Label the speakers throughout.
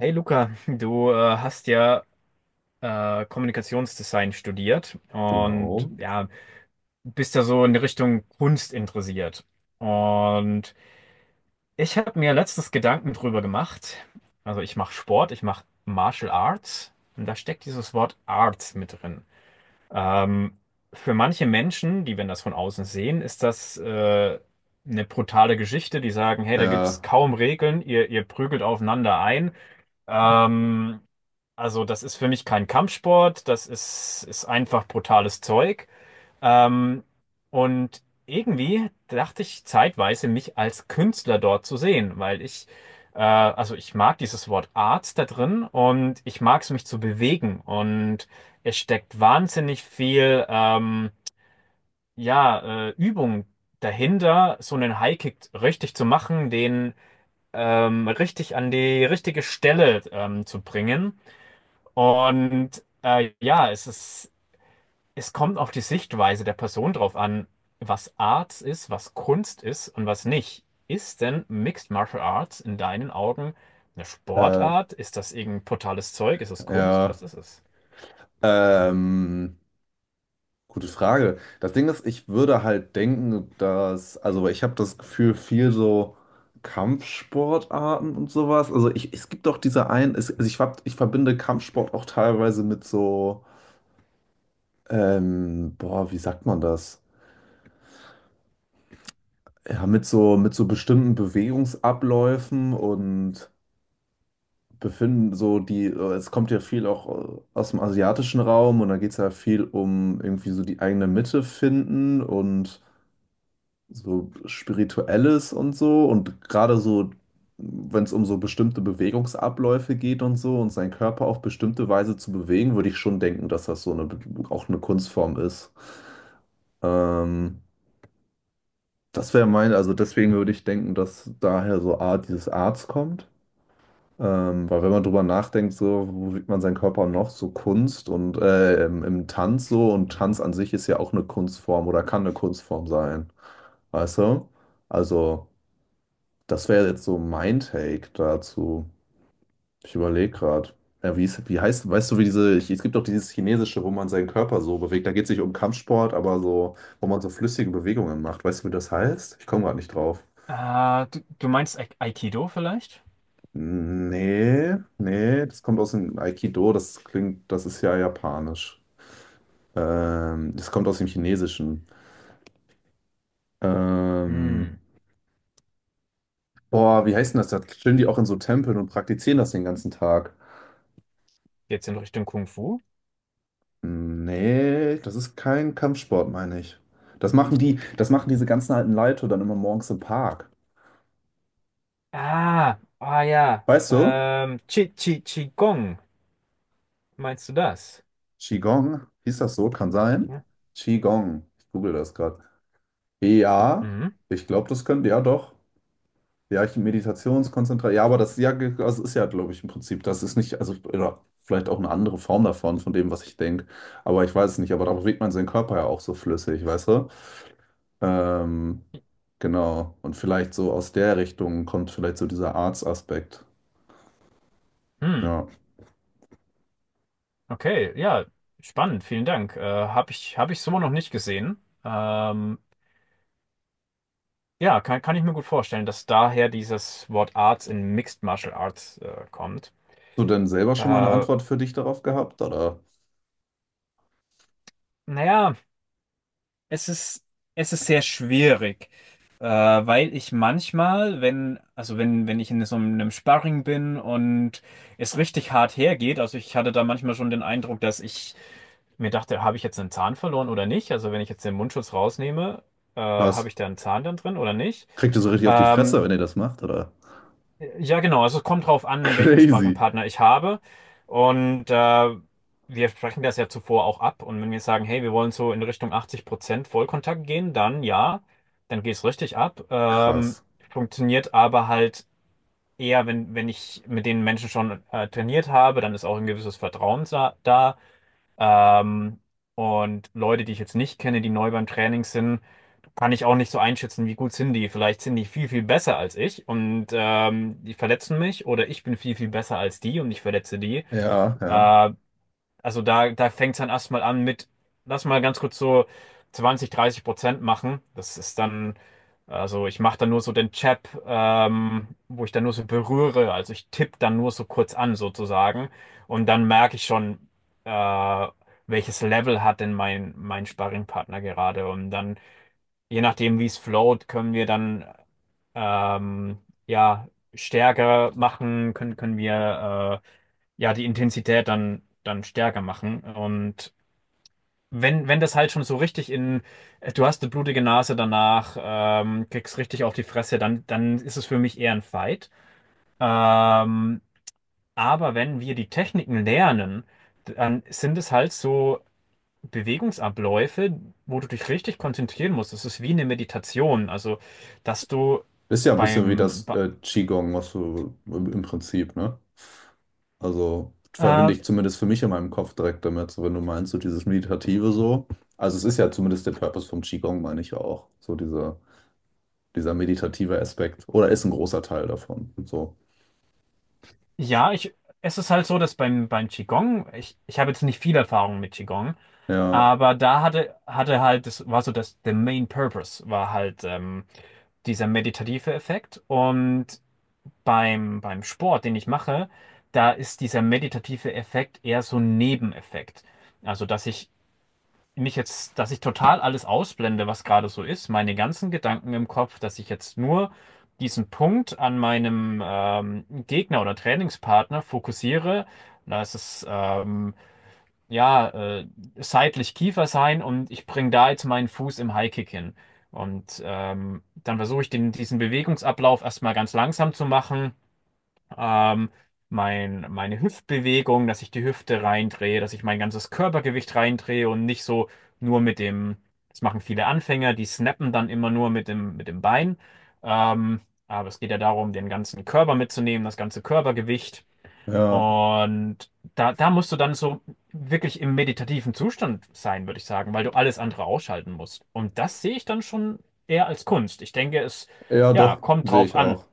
Speaker 1: Hey Luca, du hast ja Kommunikationsdesign studiert und
Speaker 2: Genau.
Speaker 1: ja, bist da so in die Richtung Kunst interessiert. Und ich habe mir letztens Gedanken drüber gemacht. Also ich mache Sport, ich mache Martial Arts und da steckt dieses Wort Arts mit drin. Ähm, für manche Menschen, die, wenn das von außen sehen, ist das eine brutale Geschichte. Die sagen, hey, da gibt es
Speaker 2: Ja,
Speaker 1: kaum Regeln, ihr prügelt aufeinander ein. Mhm. Ähm, also, das ist für mich kein Kampfsport, das ist einfach brutales Zeug. Ähm, und irgendwie dachte ich zeitweise, mich als Künstler dort zu sehen, weil also ich mag dieses Wort Art da drin und ich mag es, mich zu bewegen. Und es steckt wahnsinnig viel, ja, Übung dahinter, so einen Highkick richtig zu machen, den richtig an die richtige Stelle zu bringen. Und es kommt auf die Sichtweise der Person drauf an, was Art ist, was Kunst ist und was nicht. Ist denn Mixed Martial Arts in deinen Augen eine
Speaker 2: äh,
Speaker 1: Sportart? Ist das irgendein brutales Zeug? Ist es Kunst?
Speaker 2: ja.
Speaker 1: Was ist es?
Speaker 2: Ähm, Gute Frage. Das Ding ist, ich würde halt denken, dass, also ich habe das Gefühl, viel so Kampfsportarten und sowas. Also ich, es gibt doch diese einen, es, also ich, ich verbinde Kampfsport auch teilweise mit so, boah, wie sagt man das? Ja, mit so bestimmten Bewegungsabläufen und befinden so die, es kommt ja viel auch aus dem asiatischen Raum und da geht es ja viel um irgendwie so die eigene Mitte finden und so Spirituelles und so und gerade so, wenn es um so bestimmte Bewegungsabläufe geht und so und seinen Körper auf bestimmte Weise zu bewegen, würde ich schon denken, dass das so eine, auch eine Kunstform ist. Ähm, Das wäre mein, also deswegen würde ich denken, dass daher so Art, dieses Arts kommt. Weil wenn man drüber nachdenkt, so, wo wiegt man seinen Körper noch? So Kunst und im Tanz so. Und Tanz an sich ist ja auch eine Kunstform oder kann eine Kunstform sein. Weißt du? Also, das wäre jetzt so mein Take dazu. Ich überlege gerade. Ja, wie heißt, weißt du, wie diese, es gibt doch dieses Chinesische, wo man seinen Körper so bewegt. Da geht es nicht um Kampfsport, aber so, wo man so flüssige Bewegungen macht. Weißt du, wie das heißt? Ich komme gerade nicht drauf.
Speaker 1: Du meinst Aikido vielleicht?
Speaker 2: Nee, das kommt aus dem Aikido, das klingt, das ist ja japanisch. Das kommt aus dem Chinesischen. Ähm,
Speaker 1: Hm.
Speaker 2: Boah, wie heißt denn das? Da stehen die auch in so Tempeln und praktizieren das den ganzen Tag.
Speaker 1: Geht's in Richtung Kung Fu?
Speaker 2: Nee, das ist kein Kampfsport, meine ich. Das machen die, das machen diese ganzen alten Leute dann immer morgens im Park.
Speaker 1: Ah, ah ja.
Speaker 2: Weißt du?
Speaker 1: Chi Chi Qigong. Meinst du das?
Speaker 2: Qigong, hieß das so? Kann sein.
Speaker 1: Ja.
Speaker 2: Qigong. Ich google das gerade. Ja,
Speaker 1: Mhm.
Speaker 2: ich glaube, das könnte, ja doch. Ja, ich Meditationskonzentration. Ja, aber das ja, also ist ja, glaube ich, im Prinzip, das ist nicht, also oder vielleicht auch eine andere Form davon, von dem, was ich denke. Aber ich weiß es nicht. Aber da bewegt man seinen Körper ja auch so flüssig, weißt du? Ähm, genau. Und vielleicht so aus der Richtung kommt vielleicht so dieser Arts-Aspekt.
Speaker 1: Hm.
Speaker 2: Ja.
Speaker 1: Okay, ja, spannend, vielen Dank. Hab ich so noch nicht gesehen. Ähm, ja, kann ich mir gut vorstellen, dass daher dieses Wort Arts in Mixed Martial Arts kommt.
Speaker 2: Hast du denn selber schon mal eine
Speaker 1: Äh,
Speaker 2: Antwort für dich darauf gehabt? Oder
Speaker 1: naja, es ist, es ist sehr schwierig, weil ich manchmal, wenn, also wenn, wenn ich in so einem Sparring bin und es richtig hart hergeht, also ich hatte da manchmal schon den Eindruck, dass ich mir dachte, habe ich jetzt einen Zahn verloren oder nicht? Also wenn ich jetzt den Mundschutz rausnehme,
Speaker 2: was?
Speaker 1: habe ich da einen Zahn dann drin oder nicht?
Speaker 2: Kriegt ihr so richtig auf die
Speaker 1: Ähm,
Speaker 2: Fresse, wenn ihr das macht? Oder?
Speaker 1: ja, genau. Also es kommt drauf an, welchen
Speaker 2: Crazy.
Speaker 1: Sparringpartner ich habe. Und wir sprechen das ja zuvor auch ab. Und wenn wir sagen, hey, wir wollen so in Richtung 80% Vollkontakt gehen, dann ja, dann geht's richtig ab.
Speaker 2: Krass.
Speaker 1: Funktioniert aber halt eher, wenn ich mit den Menschen schon trainiert habe, dann ist auch ein gewisses Vertrauen da. Ähm, und Leute, die ich jetzt nicht kenne, die neu beim Training sind, kann ich auch nicht so einschätzen, wie gut sind die. Vielleicht sind die viel besser als ich und die verletzen mich oder ich bin viel besser als die und ich verletze die.
Speaker 2: Ja. Ja, ja.
Speaker 1: Ähm, also da fängt es dann erstmal an mit, lass mal ganz kurz so 20, 30% machen. Das ist dann, also ich mache dann nur so den Chap, wo ich dann nur so berühre. Also ich tippe dann nur so kurz an sozusagen. Und dann merke ich schon, äh, welches Level hat denn mein Sparringpartner gerade. Und dann je nachdem, wie es float, können wir dann ähm, ja stärker machen, können wir die Intensität dann stärker machen. Und wenn das halt schon so richtig in, du hast eine blutige Nase danach, kriegst richtig auf die Fresse, dann ist es für mich eher ein Fight. Ähm, aber wenn wir die Techniken lernen, dann sind es halt so Bewegungsabläufe, wo du dich richtig konzentrieren musst. Das ist wie eine Meditation. Also, dass du
Speaker 2: Ist ja ein bisschen wie
Speaker 1: beim,
Speaker 2: das
Speaker 1: ba-
Speaker 2: Qigong, was du im Prinzip, ne? Also verbinde
Speaker 1: äh,
Speaker 2: ich zumindest für mich in meinem Kopf direkt damit, so wenn du meinst, so dieses Meditative so. Also es ist ja zumindest der Purpose vom Qigong, meine ich ja auch. So dieser, dieser meditative Aspekt. Oder ist ein großer Teil davon. So.
Speaker 1: ja, es ist halt so, dass beim Qigong, ich habe jetzt nicht viel Erfahrung mit Qigong,
Speaker 2: Ja,
Speaker 1: aber da hatte, hatte halt, das war so dass the main purpose war halt dieser meditative Effekt. Und beim Sport, den ich mache, da ist dieser meditative Effekt eher so ein Nebeneffekt. Also, dass ich total alles ausblende, was gerade so ist, meine ganzen Gedanken im Kopf, dass ich jetzt nur diesen Punkt an meinem Gegner oder Trainingspartner fokussiere. Da ist es ja äh, seitlich Kiefer sein und ich bringe da jetzt meinen Fuß im Highkick hin. Und dann versuche ich diesen Bewegungsablauf erstmal ganz langsam zu machen, ähm, meine Hüftbewegung, dass ich die Hüfte reindrehe, dass ich mein ganzes Körpergewicht reindrehe und nicht so nur mit dem, das machen viele Anfänger, die snappen dann immer nur mit dem Bein. Ähm, aber es geht ja darum, den ganzen Körper mitzunehmen, das ganze Körpergewicht.
Speaker 2: ja,
Speaker 1: Und da musst du dann so wirklich im meditativen Zustand sein, würde ich sagen, weil du alles andere ausschalten musst. Und das sehe ich dann schon eher als Kunst.
Speaker 2: ja,
Speaker 1: Ja,
Speaker 2: doch,
Speaker 1: kommt
Speaker 2: sehe
Speaker 1: drauf
Speaker 2: ich
Speaker 1: an.
Speaker 2: auch.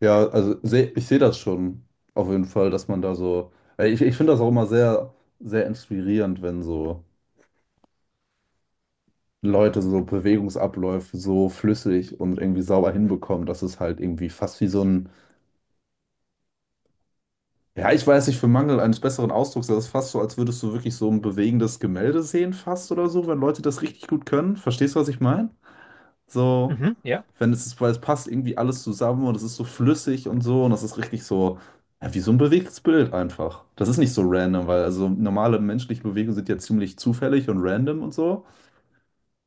Speaker 2: Ja,
Speaker 1: Ja.
Speaker 2: also ich sehe das schon auf jeden Fall, dass man da so. Ich, ich finde das auch immer sehr, sehr inspirierend, wenn so Leute so Bewegungsabläufe so flüssig und irgendwie sauber hinbekommen, dass es halt irgendwie fast wie so ein Ja, ich weiß nicht, für Mangel eines besseren Ausdrucks, das ist fast so, als würdest du wirklich so ein bewegendes Gemälde sehen, fast oder so, wenn Leute das richtig gut können. Verstehst du, was ich meine? So,
Speaker 1: Mhm, ja.
Speaker 2: wenn es ist, weil es passt irgendwie alles zusammen und es ist so flüssig und so und das ist richtig so, ja, wie so ein bewegtes Bild einfach. Das ist nicht so random, weil also normale menschliche Bewegungen sind ja ziemlich zufällig und random und so.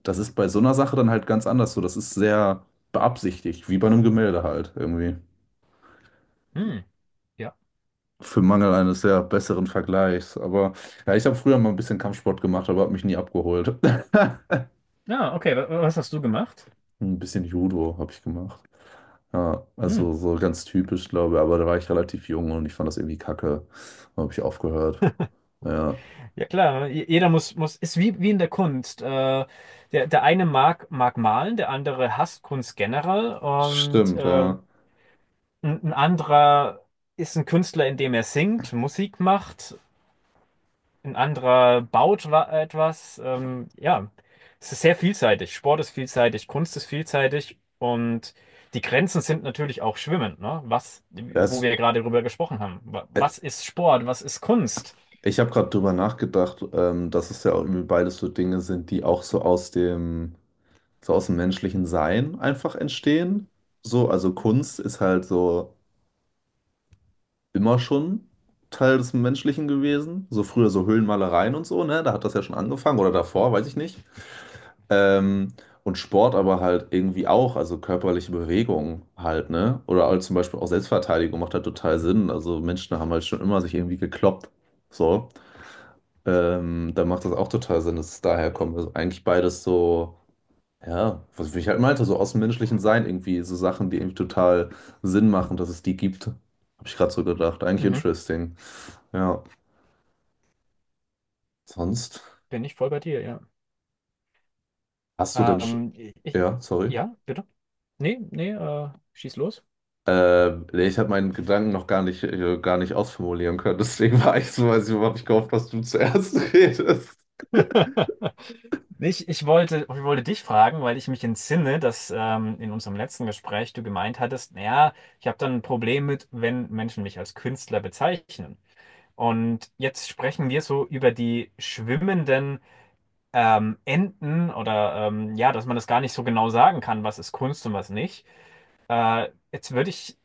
Speaker 2: Das ist bei so einer Sache dann halt ganz anders so. Das ist sehr beabsichtigt, wie bei einem Gemälde halt irgendwie.
Speaker 1: Hm, ja.
Speaker 2: Für Mangel eines sehr besseren Vergleichs. Aber ja, ich habe früher mal ein bisschen Kampfsport gemacht, aber habe mich nie abgeholt.
Speaker 1: Ja, okay. Was hast du gemacht?
Speaker 2: Ein bisschen Judo habe ich gemacht. Ja,
Speaker 1: Hm.
Speaker 2: also so ganz typisch, glaube ich. Aber da war ich relativ jung und ich fand das irgendwie kacke. Da habe ich aufgehört. Ja,
Speaker 1: Ja klar, ne? Jeder ist wie in der Kunst. Der eine mag malen, der andere hasst Kunst generell und
Speaker 2: stimmt,
Speaker 1: äh,
Speaker 2: ja.
Speaker 1: ein, ein anderer ist ein Künstler, indem er singt, Musik macht, ein anderer baut etwas. Ja, es ist sehr vielseitig. Sport ist vielseitig, Kunst ist vielseitig und die Grenzen sind natürlich auch schwimmend, ne? Wo
Speaker 2: Das,
Speaker 1: wir gerade drüber gesprochen haben.
Speaker 2: äh,
Speaker 1: Was ist Sport? Was ist Kunst?
Speaker 2: Ich habe gerade drüber nachgedacht, dass es ja auch irgendwie beides so Dinge sind, die auch so aus dem menschlichen Sein einfach entstehen. So, also Kunst ist halt so. Immer schon Teil des Menschlichen gewesen. So früher so Höhlenmalereien und so, ne? Da hat das ja schon angefangen oder davor, weiß ich nicht. Ähm, und Sport aber halt irgendwie auch, also körperliche Bewegung halt, ne? Oder halt zum Beispiel auch Selbstverteidigung macht halt total Sinn. Also Menschen haben halt schon immer sich irgendwie gekloppt. So. Da macht das auch total Sinn, dass es daher kommt. Also eigentlich beides so. Ja, was ich halt meinte, so aus dem menschlichen Sein irgendwie, so Sachen, die irgendwie total Sinn machen, dass es die gibt. Habe ich gerade so gedacht. Eigentlich
Speaker 1: Mhm.
Speaker 2: interesting. Ja, sonst
Speaker 1: Bin ich voll bei dir, ja.
Speaker 2: hast du denn sch
Speaker 1: Ähm, ich,
Speaker 2: ja, sorry.
Speaker 1: ja, bitte? Nee, nee, schieß los.
Speaker 2: Nee, ich habe meinen Gedanken noch gar nicht ausformulieren können, deswegen war ich so, weiß ich, habe ich gehofft, dass du zuerst redest.
Speaker 1: Ich wollte dich fragen, weil ich mich entsinne, dass in unserem letzten Gespräch du gemeint hattest, naja, ich habe dann ein Problem mit, wenn Menschen mich als Künstler bezeichnen. Und jetzt sprechen wir so über die schwimmenden Enden oder ja, dass man das gar nicht so genau sagen kann, was ist Kunst und was nicht. Jetzt würde ich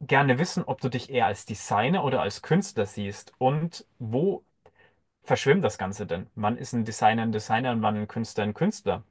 Speaker 1: gerne wissen, ob du dich eher als Designer oder als Künstler siehst und wo verschwimmt das Ganze denn? Wann ist ein Designer und wann ein Künstler ein Künstler?